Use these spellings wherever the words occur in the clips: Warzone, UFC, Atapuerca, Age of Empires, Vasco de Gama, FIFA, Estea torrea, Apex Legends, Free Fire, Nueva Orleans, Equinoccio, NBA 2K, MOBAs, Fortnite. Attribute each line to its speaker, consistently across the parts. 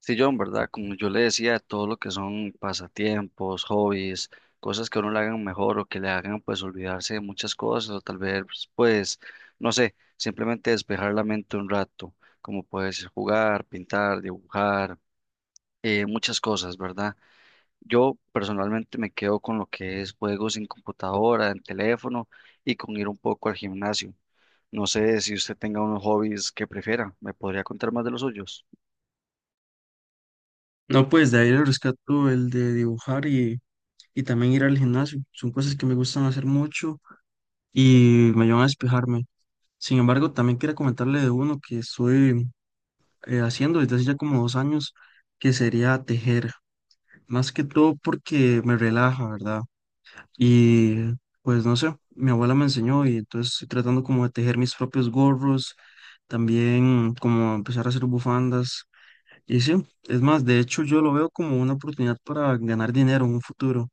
Speaker 1: Sí, John, ¿verdad? Como yo le decía, todo lo que son pasatiempos, hobbies, cosas que a uno le hagan mejor o que le hagan pues olvidarse de muchas cosas o tal vez pues, no sé, simplemente despejar la mente un rato, como puedes jugar, pintar, dibujar, muchas cosas, ¿verdad? Yo personalmente me quedo con lo que es juegos en computadora, en teléfono y con ir un poco al gimnasio. No sé si usted tenga unos hobbies que prefiera, ¿me podría contar más de los suyos?
Speaker 2: No, pues de ahí le rescato el de dibujar y también ir al gimnasio. Son cosas que me gustan hacer mucho y me ayudan a despejarme. Sin embargo, también quería comentarle de uno que estoy haciendo desde hace ya como 2 años, que sería tejer. Más que todo porque me relaja, ¿verdad? Y pues no sé, mi abuela me enseñó y entonces estoy tratando como de tejer mis propios gorros, también como empezar a hacer bufandas. Y sí, es más, de hecho yo lo veo como una oportunidad para ganar dinero en un futuro.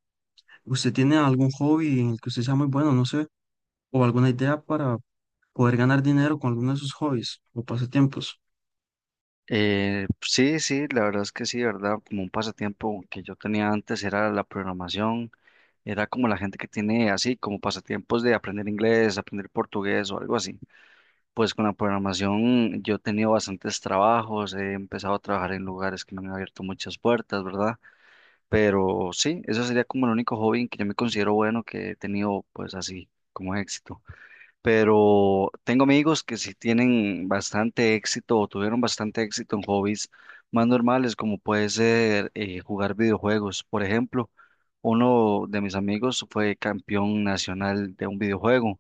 Speaker 2: ¿Usted tiene algún hobby en el que usted sea muy bueno, no sé, o alguna idea para poder ganar dinero con alguno de sus hobbies o pasatiempos?
Speaker 1: Sí, sí, la verdad es que sí, ¿verdad? Como un pasatiempo que yo tenía antes era la programación, era como la gente que tiene así, como pasatiempos de aprender inglés, aprender portugués o algo así. Pues con la programación yo he tenido bastantes trabajos, he empezado a trabajar en lugares que me han abierto muchas puertas, ¿verdad? Pero sí, eso sería como el único hobby en que yo me considero bueno que he tenido pues así como éxito, pero tengo amigos que sí tienen bastante éxito o tuvieron bastante éxito en hobbies más normales, como puede ser jugar videojuegos. Por ejemplo, uno de mis amigos fue campeón nacional de un videojuego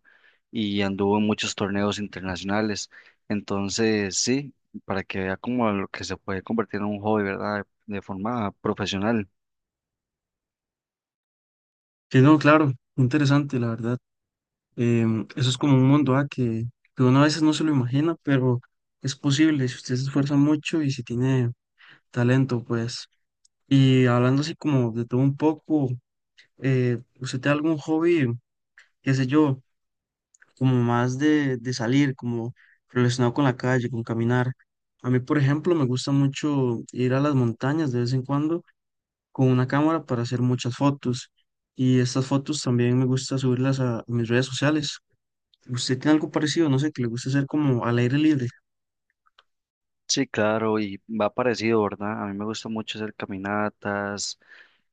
Speaker 1: y anduvo en muchos torneos internacionales. Entonces, sí, para que vea como lo que se puede convertir en un hobby, ¿verdad? De forma profesional.
Speaker 2: Sí, no, claro, interesante, la verdad. Eso es como un mundo ah, que uno a veces no se lo imagina, pero es posible si usted se esfuerza mucho y si tiene talento, pues. Y hablando así como de todo un poco, ¿usted tiene algún hobby, qué sé yo? Como más de salir, como relacionado con la calle, con caminar. A mí, por ejemplo, me gusta mucho ir a las montañas de vez en cuando con una cámara para hacer muchas fotos. Y estas fotos también me gusta subirlas a mis redes sociales. ¿Usted tiene algo parecido? No sé, que le gusta hacer como al aire libre.
Speaker 1: Sí, claro, y va parecido, ¿verdad? A mí me gusta mucho hacer caminatas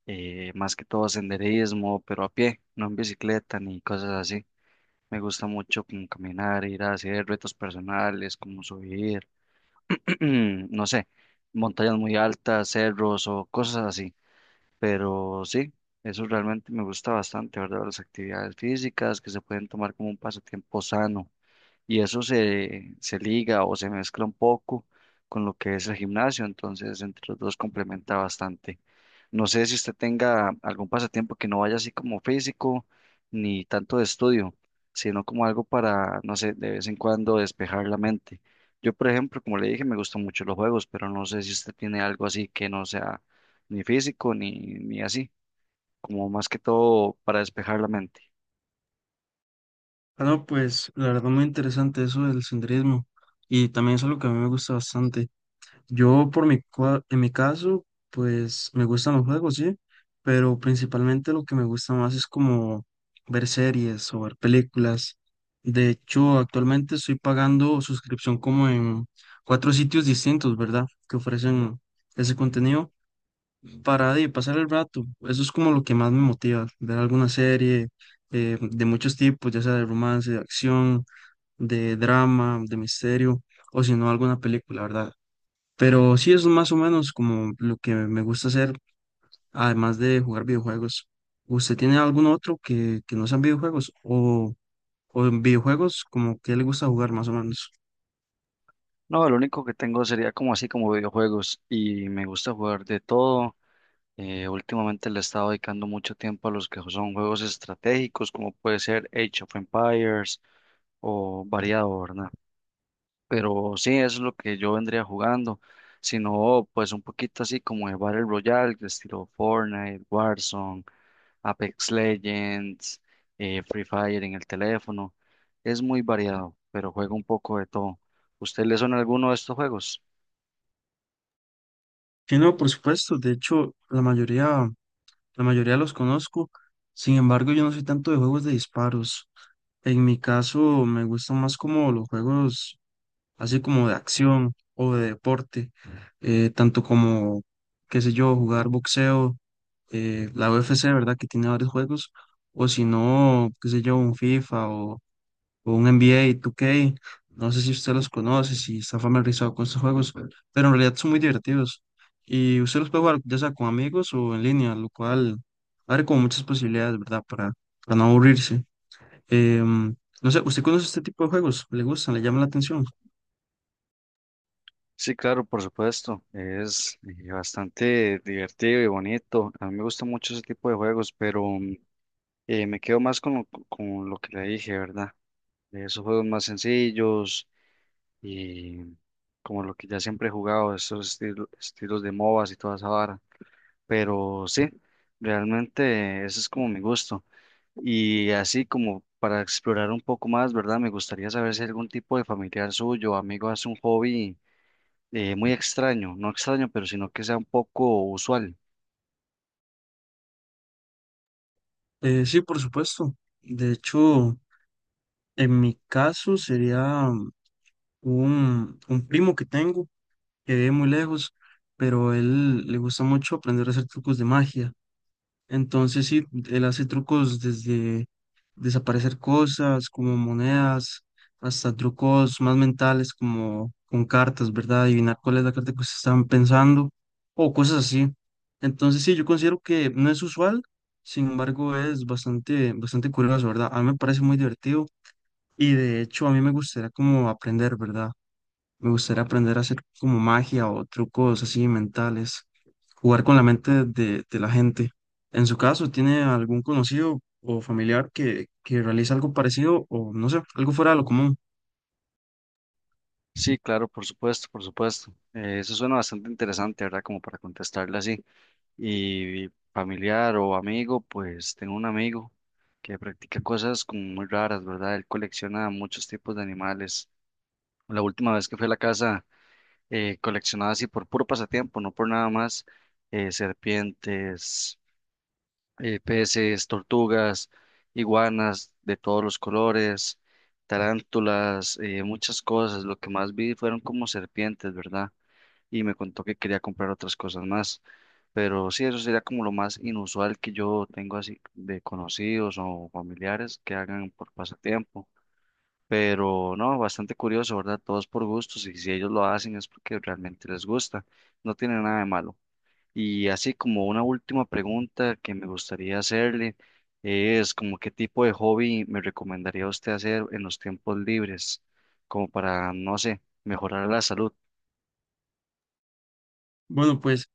Speaker 1: más que todo senderismo, pero a pie, no en bicicleta ni cosas así. Me gusta mucho como caminar, ir a hacer retos personales, como subir, no sé, montañas muy altas, cerros o cosas así. Pero sí, eso realmente me gusta bastante, ¿verdad? Las actividades físicas que se pueden tomar como un pasatiempo sano y eso se liga o se mezcla un poco con lo que es el gimnasio, entonces entre los dos complementa bastante. No sé si usted tenga algún pasatiempo que no vaya así como físico ni tanto de estudio, sino como algo para, no sé, de vez en cuando despejar la mente. Yo, por ejemplo, como le dije, me gustan mucho los juegos, pero no sé si usted tiene algo así que no sea ni físico ni así, como más que todo para despejar la mente.
Speaker 2: Ah, no, pues la verdad muy interesante eso del senderismo. Y también es algo que a mí me gusta bastante. Yo por mi, en mi caso, pues me gustan los juegos, sí, pero principalmente lo que me gusta más es como ver series o ver películas. De hecho, actualmente estoy pagando suscripción como en cuatro sitios distintos, ¿verdad? Que ofrecen ese contenido para pasar el rato. Eso es como lo que más me motiva, ver alguna serie de muchos tipos, ya sea de romance, de acción, de drama, de misterio, o si no, alguna película, ¿verdad? Pero sí es más o menos como lo que me gusta hacer, además de jugar videojuegos. ¿Usted tiene algún otro que no sean videojuegos? O en videojuegos como que le gusta jugar más o menos?
Speaker 1: No, lo único que tengo sería como así como videojuegos y me gusta jugar de todo. Últimamente le he estado dedicando mucho tiempo a los que son juegos estratégicos, como puede ser Age of Empires o variado, ¿verdad? Pero sí, eso es lo que yo vendría jugando. Sino, pues un poquito así como de Battle Royale, de estilo Fortnite, Warzone, Apex Legends, Free Fire en el teléfono. Es muy variado, pero juego un poco de todo. ¿Usted le suena alguno de estos juegos?
Speaker 2: Sí, no, por supuesto. De hecho, la mayoría los conozco. Sin embargo, yo no soy tanto de juegos de disparos. En mi caso, me gustan más como los juegos así como de acción o de deporte, tanto como, qué sé yo, jugar boxeo, la UFC, ¿verdad? Que tiene varios juegos, o si no, qué sé yo, un FIFA o un NBA 2K, no sé si usted los conoce, si está familiarizado con estos juegos, pero en realidad son muy divertidos y usted los puede jugar ya sea con amigos o en línea, lo cual abre como muchas posibilidades, ¿verdad? Para no aburrirse. Em, no sé, ¿usted conoce este tipo de juegos? ¿Le gustan? ¿Le llama la atención?
Speaker 1: Sí, claro, por supuesto. Es bastante divertido y bonito. A mí me gusta mucho ese tipo de juegos, pero me quedo más con lo que le dije, ¿verdad? De esos juegos más sencillos y como lo que ya siempre he jugado, esos estilos de MOBAs y toda esa vara. Pero sí, realmente ese es como mi gusto. Y así como para explorar un poco más, ¿verdad? Me gustaría saber si algún tipo de familiar suyo, o amigo, hace un hobby muy extraño, no extraño, pero sino que sea un poco usual.
Speaker 2: Sí, por supuesto. De hecho, en mi caso sería un primo que tengo que vive muy lejos, pero él le gusta mucho aprender a hacer trucos de magia. Entonces sí, él hace trucos desde desaparecer cosas como monedas, hasta trucos más mentales como con cartas, ¿verdad? Adivinar cuál es la carta que se están pensando o cosas así. Entonces sí, yo considero que no es usual, sin embargo es bastante curioso, ¿verdad? A mí me parece muy divertido y de hecho a mí me gustaría como aprender, ¿verdad? Me gustaría aprender a hacer como magia o trucos así mentales, jugar con la mente de la gente. En su caso, ¿tiene algún conocido o familiar que realice algo parecido o no sé, algo fuera de lo común?
Speaker 1: Sí, claro, por supuesto, por supuesto. Eso suena bastante interesante, ¿verdad? Como para contestarle así. Y familiar o amigo, pues tengo un amigo que practica cosas como muy raras, ¿verdad? Él colecciona muchos tipos de animales. La última vez que fui a la casa, coleccionaba así por puro pasatiempo, no por nada más, serpientes, peces, tortugas, iguanas de todos los colores, tarántulas, muchas cosas. Lo que más vi fueron como serpientes, ¿verdad? Y me contó que quería comprar otras cosas más. Pero sí, eso sería como lo más inusual que yo tengo así de conocidos o familiares que hagan por pasatiempo. Pero no, bastante curioso, ¿verdad? Todos por gustos y si ellos lo hacen es porque realmente les gusta. No tiene nada de malo. Y así como una última pregunta que me gustaría hacerle es como qué tipo de hobby me recomendaría usted hacer en los tiempos libres, como para, no sé, mejorar la salud.
Speaker 2: Bueno, pues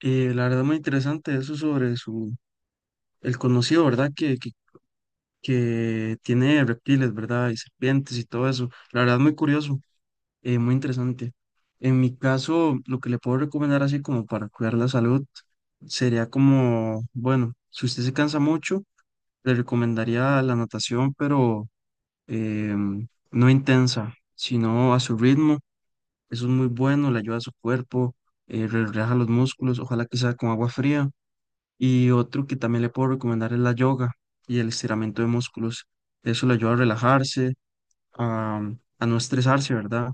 Speaker 2: la verdad muy interesante eso sobre su, el conocido, ¿verdad? Que tiene reptiles, ¿verdad? Y serpientes y todo eso. La verdad muy curioso. Muy interesante. En mi caso, lo que le puedo recomendar así como para cuidar la salud sería como, bueno, si usted se cansa mucho, le recomendaría la natación, pero no intensa, sino a su ritmo. Eso es muy bueno, le ayuda a su cuerpo, relaja los músculos, ojalá que sea con agua fría. Y otro que también le puedo recomendar es la yoga y el estiramiento de músculos. Eso le ayuda a relajarse a, a no estresarse, ¿verdad?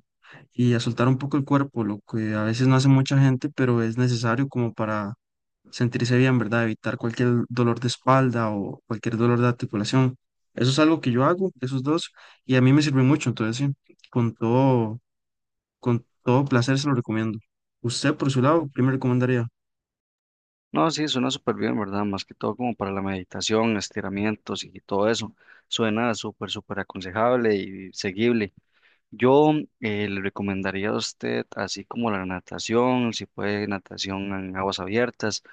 Speaker 2: Y a soltar un poco el cuerpo, lo que a veces no hace mucha gente, pero es necesario como para sentirse bien, ¿verdad? Evitar cualquier dolor de espalda o cualquier dolor de articulación. Eso es algo que yo hago, esos dos, y a mí me sirve mucho, entonces sí, con todo placer se lo recomiendo. Usted, por su lado, ¿qué me recomendaría?
Speaker 1: No, sí, suena súper bien, ¿verdad? Más que todo como para la meditación, estiramientos y todo eso. Suena súper, súper aconsejable y seguible. Yo le recomendaría a usted, así como la natación, si puede natación en aguas abiertas.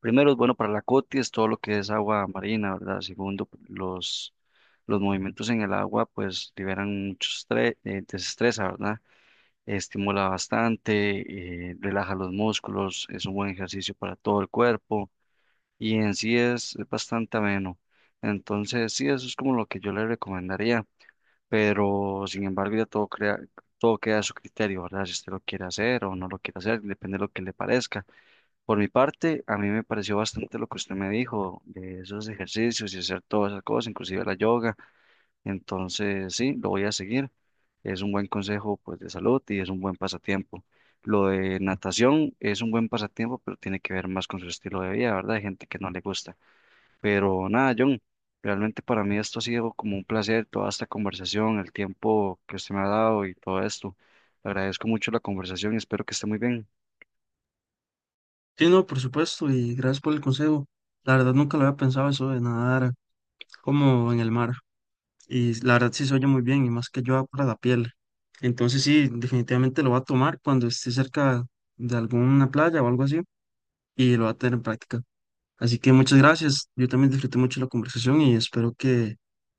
Speaker 1: Primero es bueno para la es todo lo que es agua marina, ¿verdad? Segundo, los movimientos en el agua pues liberan mucho estrés, desestresa, ¿verdad? Estimula bastante, relaja los músculos, es un buen ejercicio para todo el cuerpo y en sí es bastante ameno. Entonces, sí, eso es como lo que yo le recomendaría, pero sin embargo ya todo queda a su criterio, ¿verdad? Si usted lo quiere hacer o no lo quiere hacer, depende de lo que le parezca. Por mi parte, a mí me pareció bastante lo que usted me dijo de esos ejercicios y hacer todas esas cosas, inclusive la yoga. Entonces, sí, lo voy a seguir. Es un buen consejo, pues, de salud y es un buen pasatiempo. Lo de natación es un buen pasatiempo, pero tiene que ver más con su estilo de vida, ¿verdad? Hay gente que no le gusta. Pero nada, John, realmente para mí esto ha sido como un placer, toda esta conversación, el tiempo que usted me ha dado y todo esto. Le agradezco mucho la conversación y espero que esté muy bien.
Speaker 2: Sí, no, por supuesto, y gracias por el consejo. La verdad nunca lo había pensado eso de nadar como en el mar. Y la verdad sí se oye muy bien, y más que ayuda para la piel. Entonces sí, definitivamente lo va a tomar cuando esté cerca de alguna playa o algo así y lo va a tener en práctica. Así que muchas gracias. Yo también disfruté mucho la conversación y espero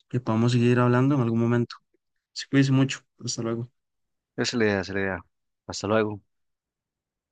Speaker 2: que podamos seguir hablando en algún momento. Se cuídense mucho. Hasta luego.
Speaker 1: Esa es la idea, esa es la idea. Hasta luego.